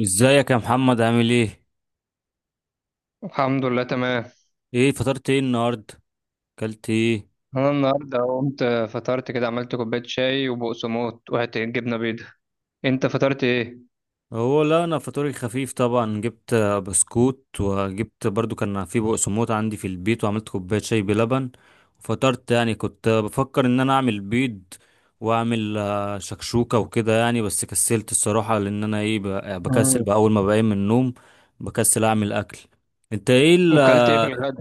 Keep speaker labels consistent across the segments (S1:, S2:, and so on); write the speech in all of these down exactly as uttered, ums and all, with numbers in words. S1: ازيك يا محمد، عامل ايه؟
S2: الحمد لله تمام.
S1: ايه فطرت ايه النهارده؟ اكلت ايه؟
S2: انا النهارده قمت، فطرت كده، عملت كوبايه شاي وبقسموط وحته جبنه بيضه. انت فطرت ايه؟
S1: هو لا، انا فطوري خفيف طبعا، جبت آه، بسكوت، وجبت برضو كان في بقسموت عندي في البيت، وعملت كوبايه شاي بلبن. وفطرت، يعني كنت آه، بفكر ان انا اعمل بيض واعمل آه، شكشوكه وكده يعني، بس كسلت الصراحه، لان انا ايه ب- بكسل
S2: مم.
S1: بقى اول ما بقيم من النوم، بكسل اعمل اكل. انت ايه؟
S2: وكلت ايه في الغدا؟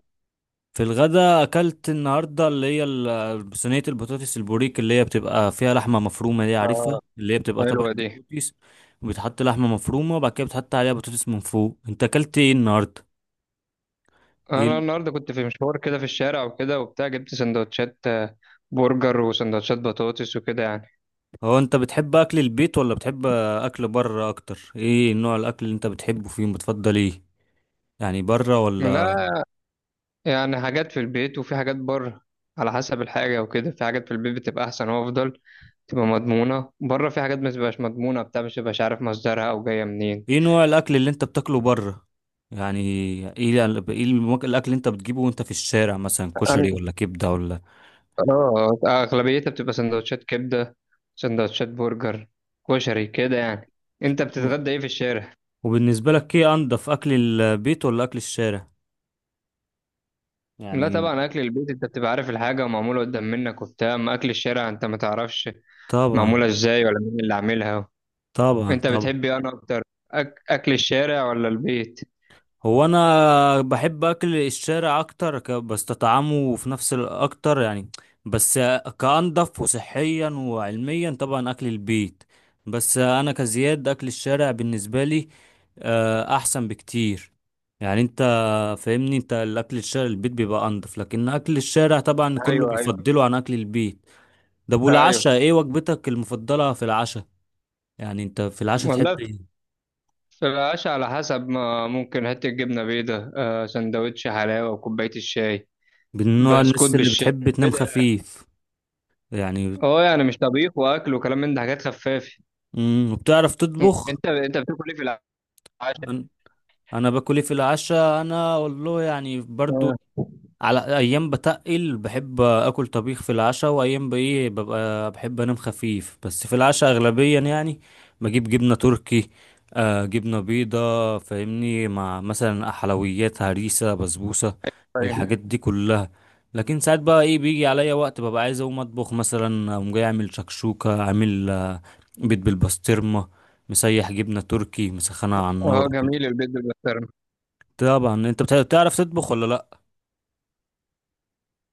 S1: في الغدا اكلت النهارده اللي هي ال- صينيه البطاطس البوريك، اللي هي بتبقى فيها لحمه مفرومه، دي عارفها،
S2: اه،
S1: اللي هي بتبقى طبق
S2: حلوه دي.
S1: البطاطس. وبيتحط لحمه مفرومه، وبعد كده بتحط عليها بطاطس من فوق. انت اكلت ايه النهارده؟ ايه
S2: انا
S1: ال-
S2: النهارده كنت في مشوار كده في الشارع وكده وبتاع، جبت سندوتشات آه، برجر وسندوتشات بطاطس وكده يعني.
S1: هو انت بتحب اكل البيت ولا بتحب اكل بره اكتر؟ ايه نوع الاكل اللي انت بتحبه فيهم؟ بتفضل ايه يعني؟ بره ولا؟
S2: لا، يعني حاجات في البيت وفي حاجات بره، على حسب الحاجه وكده. في حاجات في البيت بتبقى احسن وافضل، تبقى مضمونه. بره في حاجات ما بتبقاش مضمونه، بتاع مش بتبقاش عارف مصدرها او جايه منين.
S1: ايه نوع الاكل اللي انت بتاكله بره يعني؟ ايه ايه المك- الاكل اللي انت بتجيبه وانت في الشارع، مثلا كشري ولا كبده ولا؟
S2: اه، اغلبيتها بتبقى سندوتشات كبده، سندوتشات برجر، كشري كده يعني. انت بتتغدى ايه في الشارع؟
S1: وبالنسبة لك ايه انضف، اكل البيت ولا اكل الشارع
S2: لا
S1: يعني؟
S2: طبعا، اكل البيت انت بتبقى عارف الحاجه ومعموله قدام منك وبتاع. اما اكل الشارع انت ما تعرفش
S1: طبعا
S2: معموله ازاي ولا مين اللي عاملها.
S1: طبعا
S2: انت
S1: طبعا.
S2: بتحب ايه انا اكتر، أك... اكل الشارع ولا البيت؟
S1: هو انا بحب اكل الشارع اكتر، ك- بستطعمه في نفس الاكتر يعني بس. كانضف وصحيا وعلميا طبعا اكل البيت، بس انا كزياد اكل الشارع بالنسبة لي آه، احسن بكتير. يعني انت فاهمني، انت الاكل الشارع البيت بيبقى انضف، لكن اكل الشارع طبعا كله
S2: ايوه ايوه.
S1: بيفضله عن اكل البيت. ده، والعشاء
S2: ايوه
S1: ايه وجبتك المفضلة في العشاء؟ يعني انت في العشاء بتحب
S2: والله،
S1: ايه؟
S2: في العشاء على حسب. ما ممكن حته جبنه بيضه، آه، سندوتش حلاوه وكوبايه الشاي.
S1: من نوع
S2: بسكوت
S1: الناس اللي
S2: بالشاي
S1: بتحب تنام
S2: كده.
S1: خفيف يعني؟
S2: اه يعني مش طبيخ واكل وكلام من ده، حاجات خفافه.
S1: امم وبتعرف تطبخ؟
S2: انت انت بتاكل ايه في العشاء؟
S1: انا أنا باكل ايه في العشاء؟ انا والله يعني برضو،
S2: اه.
S1: على ايام بتقل بحب اكل طبيخ في العشاء، وايام بايه ببقى بحب انام خفيف بس، في العشاء اغلبيا يعني بجيب جبنه تركي، آه جبنه بيضه فاهمني، مع مثلا حلويات هريسه بسبوسه
S2: طيب.
S1: الحاجات دي كلها. لكن ساعات بقى ايه بيجي عليا وقت ببقى عايز اقوم اطبخ، مثلا اقوم جاي اعمل شكشوكه، عامل آه، بيض بالبسطرمه، مسيح جبنه تركي مسخنه على
S2: اه،
S1: النار كده.
S2: جميل البيض بالبسطرمه.
S1: طبعا انت بتع- بتعرف تطبخ ولا لا؟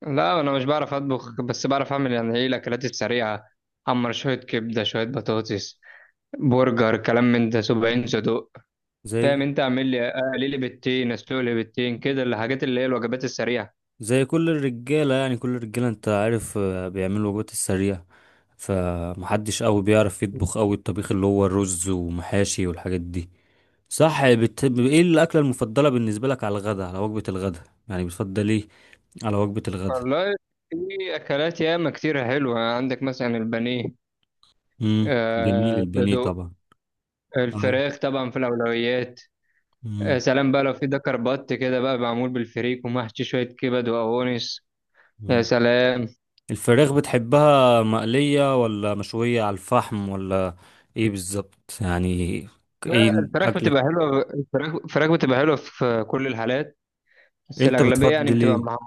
S2: لا انا مش بعرف اطبخ، بس بعرف اعمل يعني ايه الاكلات السريعه. حمر شويه كبده، شويه بطاطس، برجر، كلام من ده سبعين صدوق. فاهم
S1: زي
S2: انت، اعمل لي اقلي لي بيضتين، اسلق لي بيضتين كده، الحاجات اللي هي الوجبات السريعه.
S1: زي كل الرجالة يعني، كل الرجالة انت عارف آه، بيعملوا الوجبات السريعة، فمحدش قوي بيعرف يطبخ قوي الطبيخ اللي هو الرز ومحاشي والحاجات دي. صح. بت... ايه الأكلة المفضلة بالنسبة لك على الغداء، على وجبة الغداء يعني؟ بتفضل ايه على وجبة الغداء؟
S2: والله، في اكلات ياما كتير حلوه عندك مثلا البانيه،
S1: امم جميل
S2: آه
S1: البانيه
S2: صدوق.
S1: طبعا. آه.
S2: الفراخ طبعا في الاولويات. يا
S1: مم.
S2: سلام بقى لو في دكر بط كده بقى، معمول بالفريك ومحشي شوية كبد وقوانص. يا
S1: مم.
S2: سلام.
S1: الفراخ بتحبها مقلية ولا مشوية على الفحم ولا؟ ايه بالظبط يعني؟
S2: لا،
S1: ايه
S2: الفراخ
S1: أكلك؟
S2: بتبقى حلوة، الفراخ الفراخ بتبقى حلوة في كل الحالات. بس
S1: انت
S2: الأغلبية يعني
S1: بتفضل
S2: بتبقى
S1: ايه؟
S2: مع-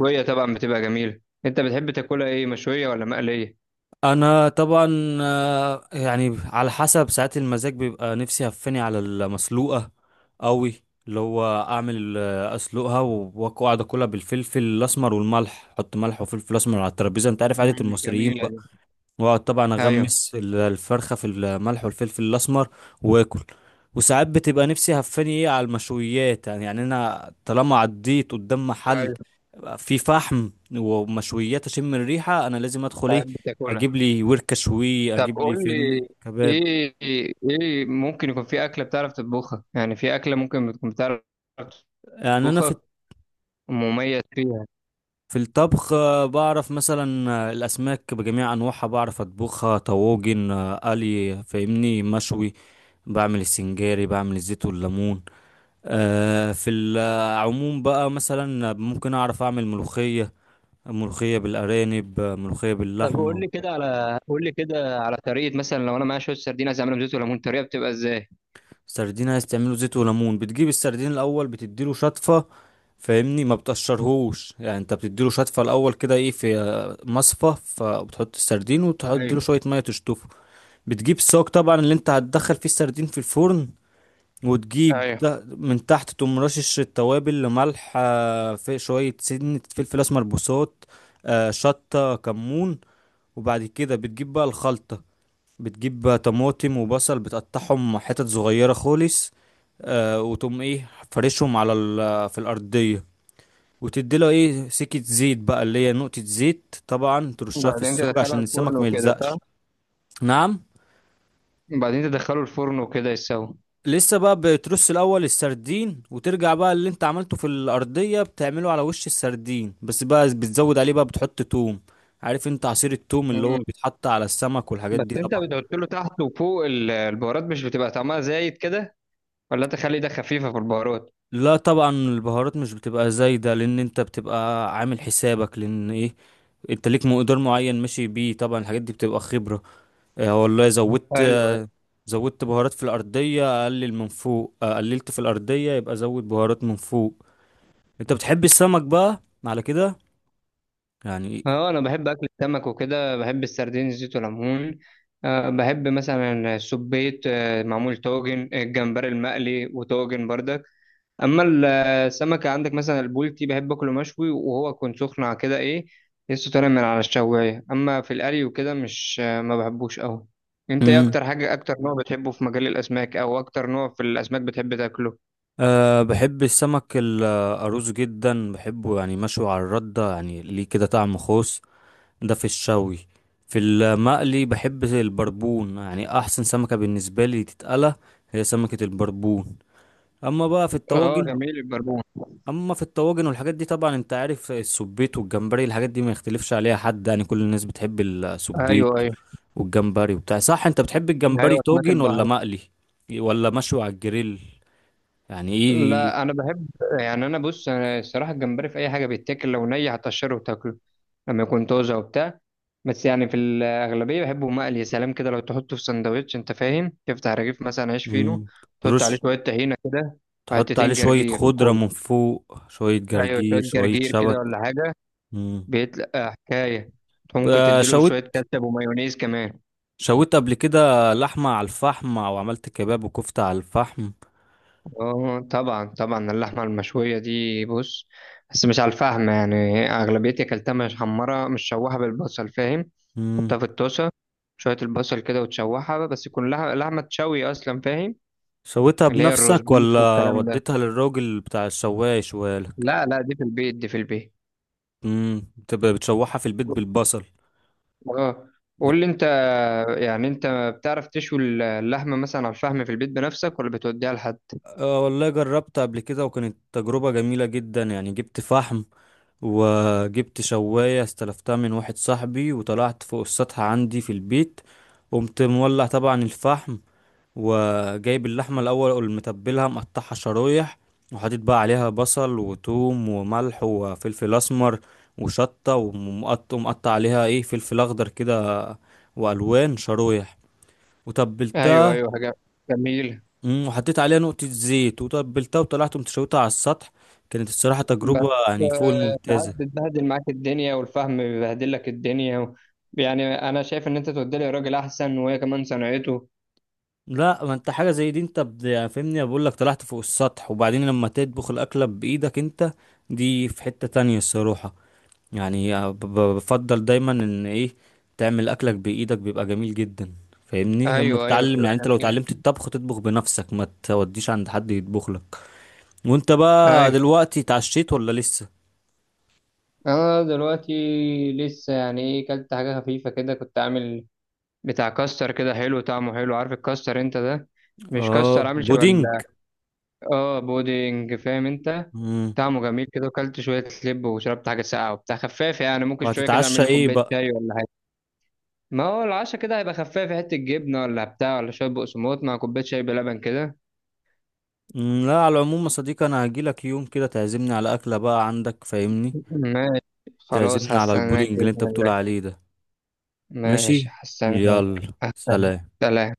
S2: مشوية طبعا، بتبقى جميلة. أنت بتحب تاكلها إيه، مشوية ولا مقلية؟
S1: انا طبعا آه، يعني على حسب ساعات المزاج بيبقى نفسي هفاني على المسلوقه قوي، اللي هو اعمل آه، اسلقها و- واقعد اكلها بالفلفل الاسمر والملح، احط ملح وفلفل اسمر على الترابيزه، انت عارف عاده
S2: مم،
S1: المصريين،
S2: جميلة دي.
S1: واقعد طبعا
S2: أيوه
S1: اغمس ال- الفرخه في الملح والفلفل الاسمر واكل. وساعات بتبقى نفسي هفاني ايه على المشويات يعني يعني انا طالما عديت قدام محل
S2: أيوه.
S1: في فحم ومشويات اشم الريحه، انا لازم ادخل ايه
S2: بتحب تاكلها.
S1: اجيب لي وركه شوي،
S2: طب
S1: اجيب لي
S2: قول
S1: فاهمني
S2: لي
S1: كباب
S2: إيه، إيه ممكن يكون في أكلة بتعرف تطبخها؟ يعني في أكلة ممكن بتكون بتعرف
S1: يعني. انا في
S2: تطبخها ومميز فيها.
S1: في الطبخ آه، بعرف مثلا آه، الاسماك بجميع انواعها بعرف اطبخها، طواجن آه، قلي فاهمني مشوي، بعمل السنجاري، بعمل الزيت والليمون آه، في العموم بقى مثلا ممكن اعرف اعمل ملوخية، ملوخية بالارانب آه، ملوخية
S2: طب قول
S1: باللحمة.
S2: لي كده على، قول لي كده على طريقه مثلا، لو انا معايا شويه سردين عايز اعملهم زيت وليمون، الطريقه بتبقى ازاي؟
S1: سردين عايز تعمله زيت وليمون؟ بتجيب السردين الاول، بتديله شطفة، فاهمني ما بتقشرهوش يعني، انت بتديله شطفة الاول كده، ايه في آه، مصفى، فبتحط السردين وتحط
S2: ايوه
S1: له شوية مية تشطفه. بتجيب الصاج طبعا اللي انت هتدخل فيه السردين في الفرن، وتجيب
S2: ايوه.
S1: تا- من تحت تقوم رشش التوابل، لملح آه، في شوية سنة فلفل أسمر بوصات آه، شطة كمون، وبعد كده بتجيب بقى الخلطة، بتجيب بقى طماطم وبصل بتقطعهم حتت صغيرة خالص آه، وتقوم ايه فرشهم على ال- في الأرضية، وتدي له ايه سكة زيت بقى اللي هي نقطة زيت طبعا ترشها في
S2: وبعدين
S1: السوق
S2: تدخله
S1: عشان
S2: الفرن
S1: السمك ما
S2: وكده صح؟
S1: يلزقش. نعم.
S2: وبعدين تدخله الفرن وكده يستوي.
S1: لسه بقى بترص الاول السردين، وترجع بقى اللي انت عملته في الارضيه بتعمله على وش السردين، بس بقى بتزود عليه بقى بتحط توم، عارف انت عصير التوم اللي هو
S2: امم.
S1: بيتحط على السمك والحاجات
S2: بس
S1: دي
S2: انت
S1: طبعا.
S2: بتحط له تحت وفوق ال- البهارات، مش بتبقى طعمها زايد كده؟ ولا انت خلي ده خفيفه في البهارات؟
S1: لا طبعا، البهارات مش بتبقى زايده، لان انت بتبقى عامل حسابك، لان ايه، انت ليك مقدار معين ماشي بيه، طبعا الحاجات دي بتبقى خبره. اه والله، زودت
S2: ايوه.
S1: زودت بهارات في الارضيه اقلل من فوق، اه قللت في الارضيه يبقى زود بهارات من فوق. انت بتحب السمك بقى على كده يعني؟
S2: اه انا بحب اكل السمك وكده، بحب السردين زيت وليمون. أه بحب مثلا السبيط، آه، معمول طاجن، آه، الجمبري المقلي وطاجن برضك. اما ال- السمك عندك مثلا البولتي، بحب اكله مشوي وهو يكون سخن على كده ايه، لسه طالع من على الشوايه. اما في القلي وكده مش، ما بحبوش قوي. انت ايه
S1: امم
S2: اكتر حاجه، اكتر نوع بتحبه في مجال الاسماك، او اكتر نوع في الاسماك بتحب تاكله؟
S1: أه بحب السمك الأرز جدا بحبه، يعني مشوي على الردة، يعني ليه كده طعم خاص. ده في الشوي. في المقلي بحب البربون، يعني أحسن سمكة بالنسبة لي تتقلى هي سمكة البربون. أما بقى في
S2: اه
S1: الطواجن
S2: جميل البربون.
S1: أما في الطواجن والحاجات دي طبعا، أنت عارف السبيت والجمبري الحاجات دي ما يختلفش عليها حد يعني، كل الناس بتحب السبيت
S2: ايوه ايوه.
S1: والجمبري وبتاع. صح، أنت بتحب الجمبري
S2: ايوه اسماك
S1: طاجن ولا
S2: البحر.
S1: مقلي ولا مشوي على الجريل يعني؟ ايه.
S2: لا انا بحب، يعني انا بص، انا الصراحه الجمبري في اي حاجه بيتاكل، لو ني هتقشره وتاكله لما يكون طازه وبتاع. بس يعني في الاغلبيه بحبه مقلي. يا سلام كده لو تحطه في سندوتش، انت فاهم، تفتح رغيف مثلا عيش فينو،
S1: مم.
S2: تحط عليه
S1: ترش،
S2: شويه طحينه كده،
S1: تحط عليه
S2: وحتتين
S1: شوية
S2: جرجير
S1: خضرة
S2: وكول.
S1: من فوق، شوية
S2: ايوه شويه
S1: جرجير شوية
S2: جرجير كده
S1: شبت.
S2: ولا حاجه،
S1: مم.
S2: بيتلقى حكايه. ممكن
S1: ب-
S2: تديله شويه
S1: شويت
S2: كاتشب ومايونيز كمان.
S1: شويت قبل كده لحمة على الفحم، أو عملت كباب وكفتة على الفحم؟
S2: اه طبعا طبعا، اللحمة المشوية دي بص، بس مش على الفحم. يعني أغلبيتي أكلتها مش حمرة، مش شوحة بالبصل، فاهم؟
S1: مم.
S2: حطها في الطاسة شوية البصل كده وتشوحها، بس يكون لح- لحمة تشوي أصلا، فاهم؟
S1: شويتها
S2: اللي هي الروز
S1: بنفسك
S2: بيف
S1: ولا
S2: والكلام ده.
S1: وديتها للراجل بتاع الشواية يشويها لك؟
S2: لا لا، دي في البيت، دي في البيت.
S1: مم. بتبقى بتشوحها في البيت بالبصل.
S2: اه. قول لي أنت، يعني أنت بتعرف تشوي اللحمة مثلا على الفحم في البيت بنفسك، ولا بتوديها لحد؟
S1: أه والله، جربت قبل كده وكانت تجربة جميلة جدا، يعني جبت فحم، وجبت شواية استلفتها من واحد صاحبي، وطلعت فوق السطح عندي في البيت، قمت مولع طبعا الفحم، وجايب اللحمة الأول ومتبلها مقطعها شرايح، وحاطط بقى عليها بصل وثوم وملح وفلفل أسمر وشطة، ومقط- ومقطع عليها ايه فلفل أخضر كده، وألوان شرايح،
S2: أيوه
S1: وتبلتها.
S2: أيوه، حاجة جميلة.
S1: مم، وحطيت عليها نقطة زيت وتبلتها، وطلعت مشوتها على السطح. كانت الصراحة
S2: بس
S1: تجربة يعني فوق
S2: آه، ساعات
S1: الممتازة.
S2: بتبهدل معاك الدنيا، والفهم بيبهدل لك الدنيا. و... يعني انا شايف ان انت تودي لي راجل احسن، وهي كمان صنعته.
S1: لا، ما انت حاجة زي دي، انت بد- يعني فاهمني، بقول لك طلعت فوق السطح، وبعدين لما تطبخ الأكلة بإيدك انت، دي في حتة تانية الصراحة. يعني ب- ب- بفضل دايما ان ايه تعمل أكلك بإيدك بيبقى جميل جدا، فاهمني، اما
S2: ايوه ايوه،
S1: تتعلم
S2: بتبقى
S1: يعني، انت لو
S2: جميله.
S1: اتعلمت الطبخ تطبخ بنفسك، ما توديش عند حد يطبخ لك. وانت بقى
S2: ايوه.
S1: دلوقتي اتعشيت ولا لسه؟
S2: انا دلوقتي لسه يعني، ايه كلت حاجه خفيفه كده، كنت عامل بتاع كاستر كده، حلو طعمه حلو، عارف الكاستر انت ده، مش كاستر،
S1: اه
S2: عامل شبه
S1: بودينج.
S2: ال- اه بودنج، فاهم انت، طعمه جميل كده. وكلت شويه لب وشربت حاجه ساقعه وبتاع خفاف يعني. ممكن شويه كده
S1: وهتتعشى
S2: اعمل لي
S1: ايه
S2: كوبايه
S1: بقى؟
S2: شاي ولا حاجه. ما هو العشا كده هيبقى خفيف، في حتة جبنة ولا بتاع، ولا شوية بقسماط مع كوباية شاي بلبن كده.
S1: مم، لا، على العموم يا صديقي، انا هجيلك يوم كده تعزمني على اكله بقى عندك، فاهمني،
S2: ماشي، خلاص
S1: تعزمني على البودنج
S2: هستناك
S1: اللي انت
S2: بإذن
S1: بتقول
S2: الله.
S1: عليه ده.
S2: ماشي،
S1: ماشي،
S2: هستناك.
S1: يلا
S2: هستناك،
S1: سلام.
S2: سلام.